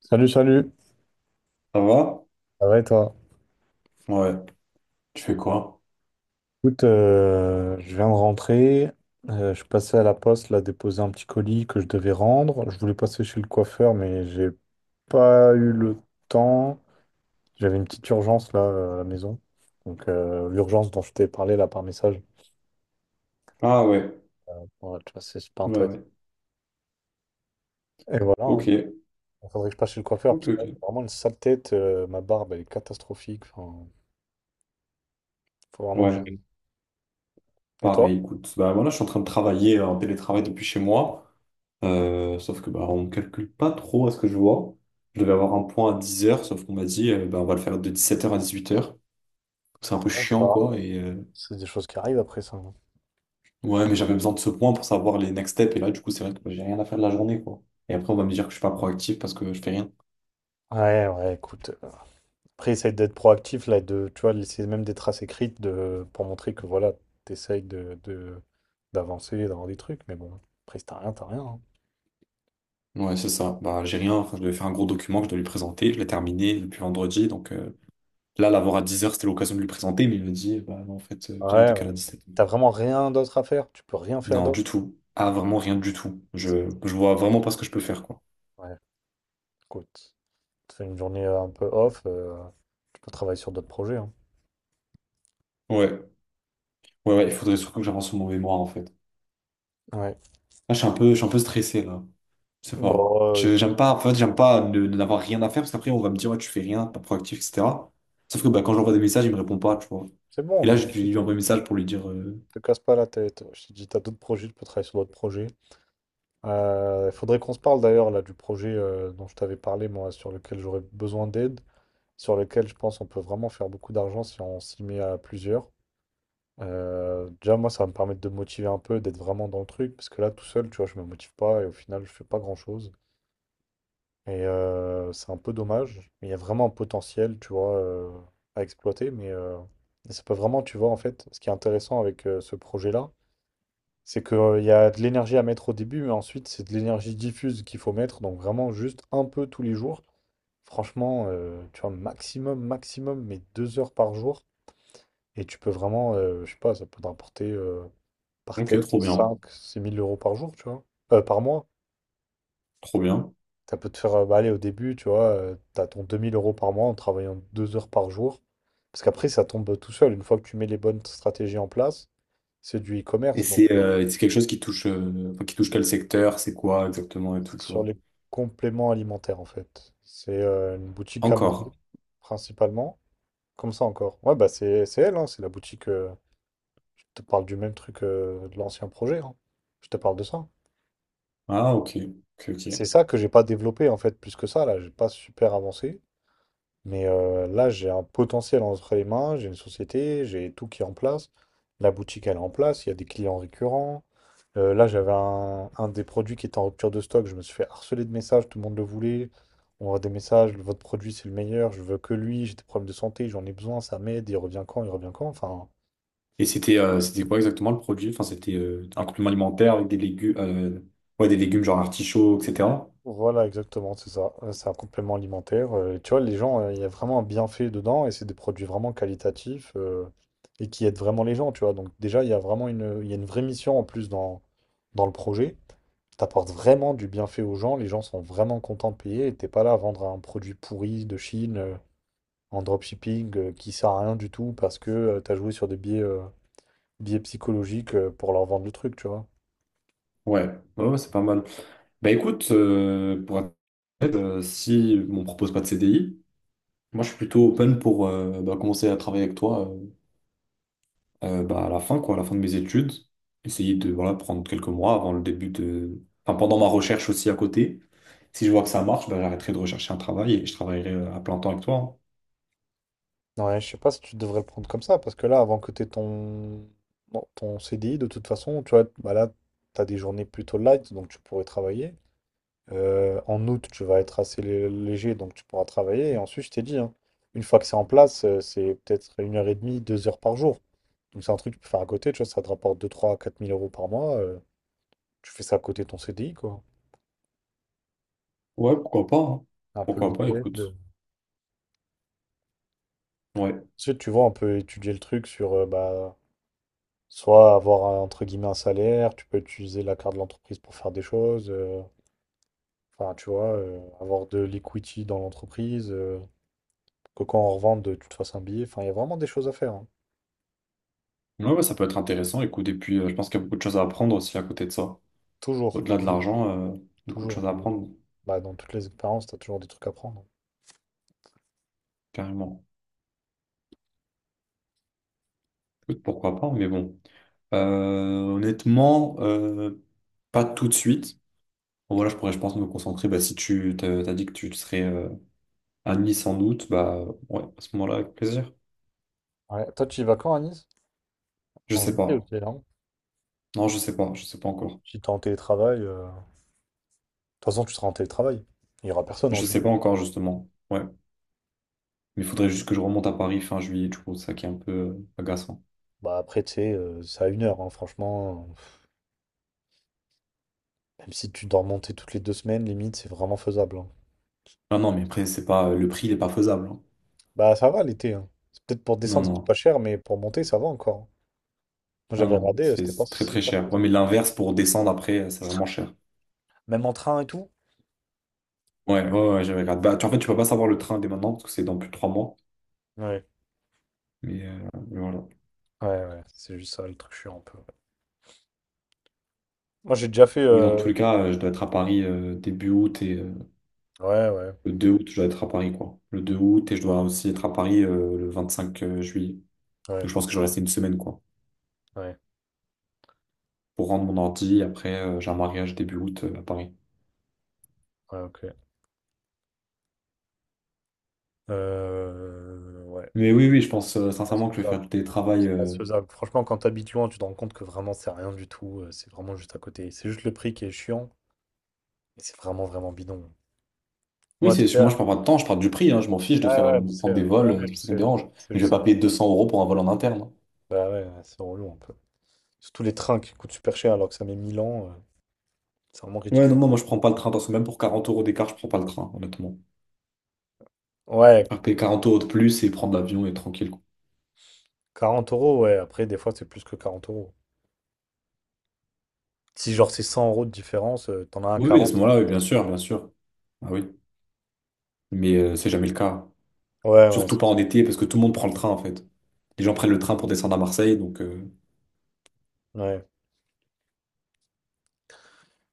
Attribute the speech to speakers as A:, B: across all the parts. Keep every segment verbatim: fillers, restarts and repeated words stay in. A: Salut, salut.
B: Ça va?
A: Ça va et toi?
B: Ouais. Tu fais quoi?
A: Écoute, euh, je viens de rentrer. Euh, je suis passé à la poste, là, déposer un petit colis que je devais rendre. Je voulais passer chez le coiffeur, mais j'ai pas eu le temps. J'avais une petite urgence, là, euh, à la maison. Donc, euh, l'urgence dont je t'ai parlé, là, par message.
B: Ah ouais.
A: Ouais, tu vois, c'est super
B: Ouais,
A: intéressant.
B: ouais.
A: Et voilà, hein.
B: Ok.
A: Il faudrait que je passe chez le coiffeur, parce
B: Ok,
A: que là,
B: ok.
A: j'ai vraiment une sale tête. Euh, ma barbe, elle est catastrophique. Enfin, faut vraiment que j'y...
B: Ouais.
A: gagne. Et toi?
B: Pareil, écoute. Bah voilà je suis en train de travailler en télétravail depuis chez moi. Euh, sauf que bah on ne calcule pas trop à ce que je vois. Je devais avoir un point à dix heures sauf qu'on m'a dit euh, bah, on va le faire de dix-sept heures à dix-huit heures. C'est un
A: Ah
B: peu
A: ouais, ça
B: chiant,
A: arrive.
B: quoi. Et euh,
A: C'est des choses qui arrivent après ça, hein.
B: ouais, mais j'avais besoin de ce point pour savoir les next steps. Et là, du coup, c'est vrai que bah, j'ai rien à faire de la journée, quoi. Et après, on va me dire que je suis pas proactif parce que je fais rien.
A: Ouais, ouais, écoute. Après, essaye d'être proactif, là, et de, tu vois, laisser même des traces écrites de, pour montrer que, voilà, t'essayes de, de- d'avancer, d'avoir des trucs, mais bon, après, si t'as rien, t'as rien, hein.
B: Ouais, c'est ça. Bah j'ai rien. Enfin, je devais faire un gros document que je dois lui présenter. Je l'ai terminé depuis vendredi, donc. euh, Là, l'avoir à dix heures, c'était l'occasion de lui présenter, mais il m'a dit, bah non, en fait, euh, viens, on
A: Ouais,
B: décale
A: ouais.
B: à dix-sept heures.
A: T'as vraiment rien d'autre à faire, tu peux rien faire
B: Non,
A: d'autre.
B: du tout. Ah, vraiment rien du tout. Je, je vois vraiment pas ce que je peux faire, quoi.
A: Ouais, écoute, tu fais une journée euh, un peu off, euh, tu peux travailler sur d'autres projets, hein.
B: Ouais, ouais, ouais, il faudrait surtout que j'avance sur mon mémoire, en fait.
A: Ouais.
B: Là, je suis un peu, je suis un peu stressé, là. Je sais pas.
A: Bon, euh,
B: Je- J'aime pas, en fait, j'aime pas ne, ne- n'avoir rien à faire, parce qu'après, on va me dire, ouais, tu fais rien, t'es pas proactif, et cetera. Sauf que bah, quand j'envoie des messages, il me répond pas, tu vois.
A: c'est
B: Et
A: bon,
B: là, je
A: donc,
B: lui
A: écoute,
B: envoie un message pour lui dire, euh,
A: te casse pas la tête. Je t'ai dit, t'as d'autres projets, tu peux travailler sur d'autres projets. Il faudrait qu'on se parle d'ailleurs, là, du projet euh, dont je t'avais parlé, moi, sur lequel j'aurais besoin d'aide, sur lequel je pense on peut vraiment faire beaucoup d'argent si on s'y met à plusieurs. Euh, déjà, moi, ça va me permettre de me motiver un peu, d'être vraiment dans le truc, parce que là, tout seul, tu vois, je me motive pas et au final, je fais pas grand-chose. Et euh, c'est un peu dommage, mais il y a vraiment un potentiel, tu vois, euh, à exploiter. Mais euh, ça peut vraiment, tu vois, en fait, ce qui est intéressant avec euh, ce projet-là, c'est qu'il y a de l'énergie à mettre au début, mais ensuite, c'est de l'énergie diffuse qu'il faut mettre, donc vraiment juste un peu tous les jours. Franchement, euh, tu vois, maximum, maximum, mais deux heures par jour. Et tu peux vraiment, euh, je sais pas, ça peut te rapporter euh, par
B: ok,
A: tête
B: trop bien,
A: cinq six mille euros par jour, tu vois. Euh, par mois.
B: trop bien.
A: Ça peut te faire, euh, bah, aller au début, tu vois, euh, t'as ton deux mille euros par mois en travaillant deux heures par jour. Parce qu'après, ça tombe tout seul. Une fois que tu mets les bonnes stratégies en place, c'est du
B: Et
A: e-commerce. Donc,
B: c'est
A: euh,
B: euh, c'est quelque chose qui touche, euh, enfin, qui touche quel secteur, c'est quoi exactement et tout,
A: c'est
B: tu
A: sur
B: vois.
A: les compléments alimentaires, en fait. C'est euh, une boutique Amazon,
B: Encore.
A: principalement. Comme ça encore. Ouais, bah, c'est c'est elle, hein, c'est la boutique. Euh, je te parle du même truc euh, de l'ancien projet, hein. Je te parle de ça.
B: Ah, ok. Ok,
A: C'est
B: ok.
A: ça que j'ai pas développé en fait plus que ça, là, j'ai pas super avancé. Mais euh, là, j'ai un potentiel entre les mains, j'ai une société, j'ai tout qui est en place. La boutique, elle est en place, il y a des clients récurrents. Euh, là, j'avais un, un des produits qui était en rupture de stock, je me suis fait harceler de messages, tout le monde le voulait. On voit des messages, votre produit c'est le meilleur, je veux que lui, j'ai des problèmes de santé, j'en ai besoin, ça m'aide, il revient quand, il revient quand. Enfin,
B: Et c'était euh, c'était quoi exactement le produit? Enfin, c'était euh, un complément alimentaire avec des légumes, euh, ouais, des légumes genre artichauts, et cetera.
A: voilà, exactement, c'est ça. Euh, C'est un complément alimentaire. Euh, tu vois, les gens, euh, il y a vraiment un bienfait dedans et c'est des produits vraiment qualitatifs euh, et qui aident vraiment les gens, tu vois. Donc déjà, il y a vraiment une, il y a une vraie mission en plus dans, dans le projet. Tu apportes vraiment du bienfait aux gens, les gens sont vraiment contents de payer et t'es pas là à vendre un produit pourri de Chine euh, en dropshipping euh, qui sert à rien du tout parce que euh, tu as joué sur des biais, euh, biais psychologiques euh, pour leur vendre le truc, tu vois.
B: Ouais, ouais, ouais, c'est pas mal. Bah écoute, euh, pour être honnête, euh, si on me propose pas de C D I, moi je suis plutôt open pour euh, bah, commencer à travailler avec toi euh, euh, bah, à la fin, quoi, à la fin de mes études. Essayer de voilà, prendre quelques mois avant le début de. Enfin, pendant ma recherche aussi à côté. Si je vois que ça marche, bah, j'arrêterai de rechercher un travail et je travaillerai euh, à plein temps avec toi, hein.
A: Ouais, je sais pas si tu devrais le prendre comme ça, parce que là, avant que t'aies ton... bon, ton C D I, de toute façon, tu vois, bah là, t'as des journées plutôt light, donc tu pourrais travailler. Euh, en août, tu vas être assez lé- léger, donc tu pourras travailler. Et ensuite, je t'ai dit, hein, une fois que c'est en place, euh, c'est peut-être une heure et demie, deux heures par jour. Donc c'est un truc que tu peux faire à côté, tu vois, ça te rapporte deux, trois, quatre mille euros par mois. Euh, tu fais ça à côté de ton C D I, quoi.
B: Ouais, pourquoi pas, hein.
A: Un peu le
B: Pourquoi pas,
A: week-end.
B: écoute. Ouais.
A: Ensuite, tu vois, on peut étudier le truc sur... euh, bah, soit avoir un- entre guillemets un salaire, tu peux utiliser la carte de l'entreprise pour faire des choses, euh, enfin tu vois, euh, avoir de l'equity dans l'entreprise, euh, pour que quand on revende, tu te fasses un billet, enfin il y a vraiment des choses à faire, hein.
B: Ouais, ouais, ça peut être intéressant, écoute. Et puis, euh, je pense qu'il y a beaucoup de choses à apprendre aussi à côté de ça.
A: Toujours,
B: Au-delà de
A: toujours,
B: l'argent, euh, beaucoup de
A: toujours.
B: choses à
A: Dans,
B: apprendre,
A: bah, dans toutes les expériences, tu as toujours des trucs à prendre.
B: carrément. Écoute, pourquoi pas, mais bon. Euh, honnêtement, euh, pas tout de suite. Bon, voilà, je pourrais, je pense, me concentrer. Bah, si tu t'as, t'as dit que tu serais euh, à Nice sans doute, bah ouais, à ce moment-là, avec plaisir.
A: Ouais. Toi, tu y vas quand à Nice?
B: Je
A: En
B: sais
A: juillet,
B: pas.
A: ok, non?
B: Non, je sais pas, je sais pas encore.
A: Si t'es en télétravail, euh, de toute façon tu seras en télétravail. Il n'y aura personne en
B: Je sais
A: juillet.
B: pas encore, justement. Ouais. Mais il faudrait juste que je remonte à Paris fin juillet, du coup, ça qui est un peu euh, agaçant.
A: Bah après, tu sais, euh, c'est à une heure, hein, franchement. Même si tu dois remonter toutes les deux semaines, limite, c'est vraiment faisable, hein.
B: Non, non, mais après, c'est pas, le prix, il est pas faisable, hein.
A: Bah ça va l'été, hein. C'est peut-être pour
B: Non,
A: descendre,
B: non,
A: c'est pas cher, mais pour monter, ça va encore. Moi
B: non,
A: j'avais
B: non,
A: regardé, euh,
B: c'est
A: c'était pas
B: c'est très
A: si
B: très
A: cher que
B: cher.
A: ça.
B: Ouais, mais l'inverse pour descendre après, euh, c'est vraiment cher.
A: Même en train et tout?
B: Ouais, ouais, ouais, j'avais regardé. Bah, tu, en fait, tu peux pas savoir le train dès maintenant parce que c'est dans plus de trois mois.
A: Ouais,
B: Mais, euh, mais voilà.
A: ouais, ouais. C'est juste ça, le truc chiant un peu. Moi j'ai déjà fait.
B: Mais dans
A: euh,
B: tous les cas, euh, je dois être à Paris euh, début août et euh,
A: Ouais, ouais,
B: le deux août, je dois être à Paris, quoi. Le deux août et je dois aussi être à Paris euh, le vingt-cinq euh, juillet. Donc,
A: ouais,
B: je pense que je vais rester une semaine, quoi,
A: ouais,
B: pour rendre mon ordi. Après, euh, j'ai un mariage début août euh, à Paris.
A: ouais, ok. Euh, ouais,
B: Mais oui, oui, je pense euh,
A: ouais, c'est
B: sincèrement que je vais
A: faisable.
B: faire du télétravail.
A: Ouais, c'est
B: euh,
A: faisable. Franchement, quand t'habites loin, tu te rends compte que vraiment, c'est rien du tout. euh, C'est vraiment juste à côté. C'est juste le prix qui est chiant. Et c'est vraiment, vraiment bidon.
B: Oui,
A: Moi, t'es
B: c'est,
A: là.
B: moi je parle pas de temps, je parle du prix, hein, je m'en fiche de
A: Ouais,
B: faire
A: ouais, je
B: de
A: sais.
B: prendre des
A: euh, Ouais,
B: vols,
A: ouais,
B: euh, c'est
A: je
B: ça qui me
A: sais, je sais.
B: dérange.
A: C'est
B: Mais je
A: juste
B: vais
A: ça,
B: pas
A: quoi.
B: payer deux cents euros pour un vol en interne.
A: Bah ouais, ouais, c'est relou un peu. Surtout les trains qui coûtent super cher alors que ça met mille ans, euh, c'est vraiment
B: Ouais, non,
A: ridicule.
B: non, moi je prends pas le train, parce que même pour quarante euros d'écart, je prends pas le train, honnêtement.
A: Ouais,
B: Faire payer quarante euros de plus et prendre l'avion et être tranquille, quoi.
A: quarante euros, ouais. Après, des fois, c'est plus que quarante euros. Si genre c'est cent euros de différence, euh, t'en as un à
B: Oui, oui, à ce
A: quarante.
B: moment-là, oui, bien sûr, bien sûr. Ah oui. Mais euh, c'est jamais le cas.
A: Ouais, ouais,
B: Surtout
A: c'est
B: pas en
A: ça.
B: été, parce que tout le monde prend le train, en fait. Les gens prennent le train pour descendre à Marseille, donc euh,
A: Ouais,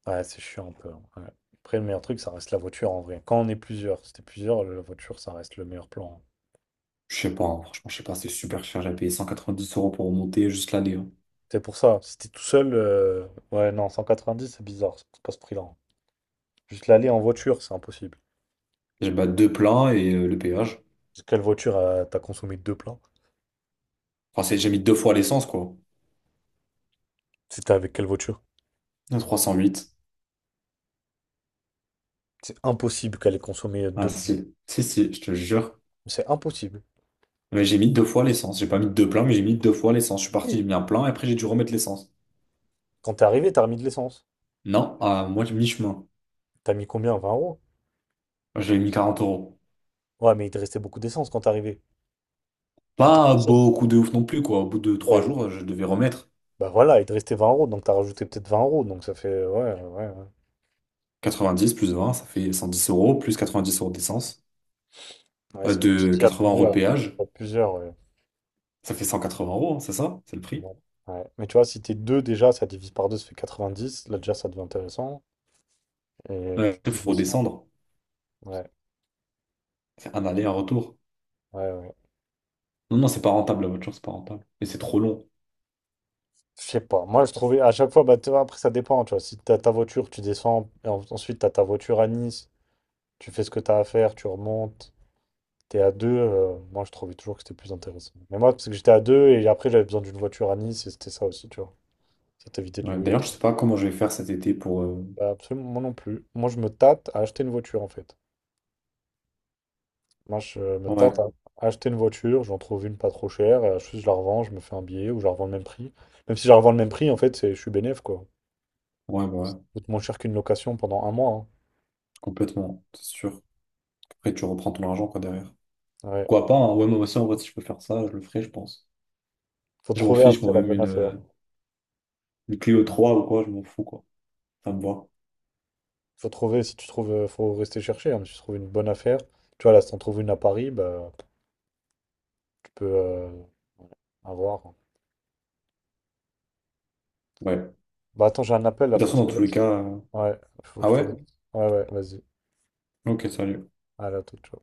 A: ouais, c'est chiant un peu, hein, ouais. Après, le meilleur truc, ça reste la voiture en vrai. Quand on est plusieurs, si t'es plusieurs, la voiture, ça reste le meilleur plan, hein.
B: je sais pas, hein, franchement, je sais pas, c'est super cher, j'ai payé cent quatre-vingt-dix euros pour remonter juste l'aller, hein.
A: C'est pour ça. Si t'es tout seul, euh, ouais, non, cent quatre-vingt-dix, c'est bizarre. C'est pas ce prix-là, hein. Juste l'aller en voiture, c'est impossible.
B: J'ai bah, deux pleins et euh, le péage.
A: Parce que quelle voiture euh, t'as consommé deux plans?
B: Enfin, c'est- j'ai mis deux fois l'essence, quoi.
A: C'était avec quelle voiture?
B: Trois cent huit.
A: C'est impossible qu'elle ait consommé euh,
B: Ah
A: deux.
B: si, si, si, je te jure.
A: C'est impossible.
B: Mais j'ai mis deux fois l'essence. J'ai pas mis deux pleins, mais j'ai mis deux fois l'essence. Je suis parti,
A: Oui.
B: j'ai mis un plein et après j'ai dû remettre l'essence.
A: Quand t'es arrivé, t'as remis de l'essence.
B: Non, à moi, j'ai mi-chemin.
A: T'as mis combien? vingt euros?
B: J'ai mis quarante euros.
A: Ouais, mais il te restait beaucoup d'essence quand t'es arrivé. T'étais
B: Pas
A: pas seul.
B: beaucoup de ouf non plus, quoi. Au bout de trois
A: Ouais.
B: jours, je devais remettre
A: Bah voilà, il te restait vingt euros, donc t'as rajouté peut-être vingt euros, donc ça fait... Ouais, ouais, ouais.
B: quatre-vingt-dix plus vingt ça fait cent dix euros, plus quatre-vingt-dix euros d'essence.
A: Ouais,
B: Euh,
A: c'est pour ça que je
B: de
A: dis à
B: vingts euros de
A: plusieurs.
B: péage,
A: À plusieurs, ouais.
B: ça fait cent quatre-vingts euros, hein, c'est ça? C'est le prix.
A: Ouais. Ouais. Mais tu vois, si t'es deux déjà, ça divise par deux, ça fait quatre-vingt-dix. Là, déjà, ça devient intéressant. Et
B: Euh, il
A: plus de
B: faut
A: cent.
B: redescendre.
A: Ouais,
B: C'est un aller, un retour.
A: ouais, ouais.
B: Non, non, c'est pas rentable, la voiture, c'est pas rentable. Et c'est trop long.
A: Je sais pas. Moi, je trouvais à chaque fois, bah, tu vois, après, ça dépend. Tu vois, si t'as ta voiture, tu descends, et en- ensuite, t'as ta voiture à Nice. Tu fais ce que t'as à faire, tu remontes. T'es à deux, euh, moi je trouvais toujours que c'était plus intéressant. Mais moi, parce que j'étais à deux et après j'avais besoin d'une voiture à Nice et c'était ça aussi, tu vois. Ça t'évitait de
B: Ouais,
A: louer.
B: d'ailleurs, je sais pas comment je vais faire cet été pour. euh,
A: Bah, absolument, moi non plus. Moi je me tâte à acheter une voiture en fait. Moi je me
B: Ouais,
A: tâte à acheter une voiture, j'en trouve une pas trop chère, euh, juste je la revends, je me fais un billet ou je la revends le même prix. Même si je la revends le même prix, en fait, c'est, je suis bénéf quoi.
B: ouais, bah ouais.
A: Ça coûte moins cher qu'une location pendant un mois,
B: Complètement, c'est sûr. Après, tu reprends ton argent, quoi, derrière.
A: hein. Ouais.
B: Pourquoi pas, hein. Ouais, moi aussi, en vrai, si je peux faire ça, je le ferai, je pense.
A: Faut
B: Je m'en
A: trouver
B: fiche,
A: après
B: moi,
A: la
B: même
A: bonne
B: une,
A: affaire.
B: euh, une Clio trois ou quoi, je m'en fous, quoi. Ça me va.
A: Faut trouver, si tu trouves, euh, faut rester chercher, hein, mais si tu trouves une bonne affaire, tu vois, là, si t'en trouves une à Paris, bah, tu peux euh, avoir, hein.
B: Ouais. De
A: Bah attends, j'ai un appel là,
B: toute
A: faut
B: façon,
A: que je
B: dans
A: te
B: tous les
A: laisse.
B: cas. euh,
A: Ouais, faut
B: Ah
A: que je te
B: ouais?
A: laisse. Ouais, ouais, vas-y.
B: Ok, salut.
A: À la toute, ciao.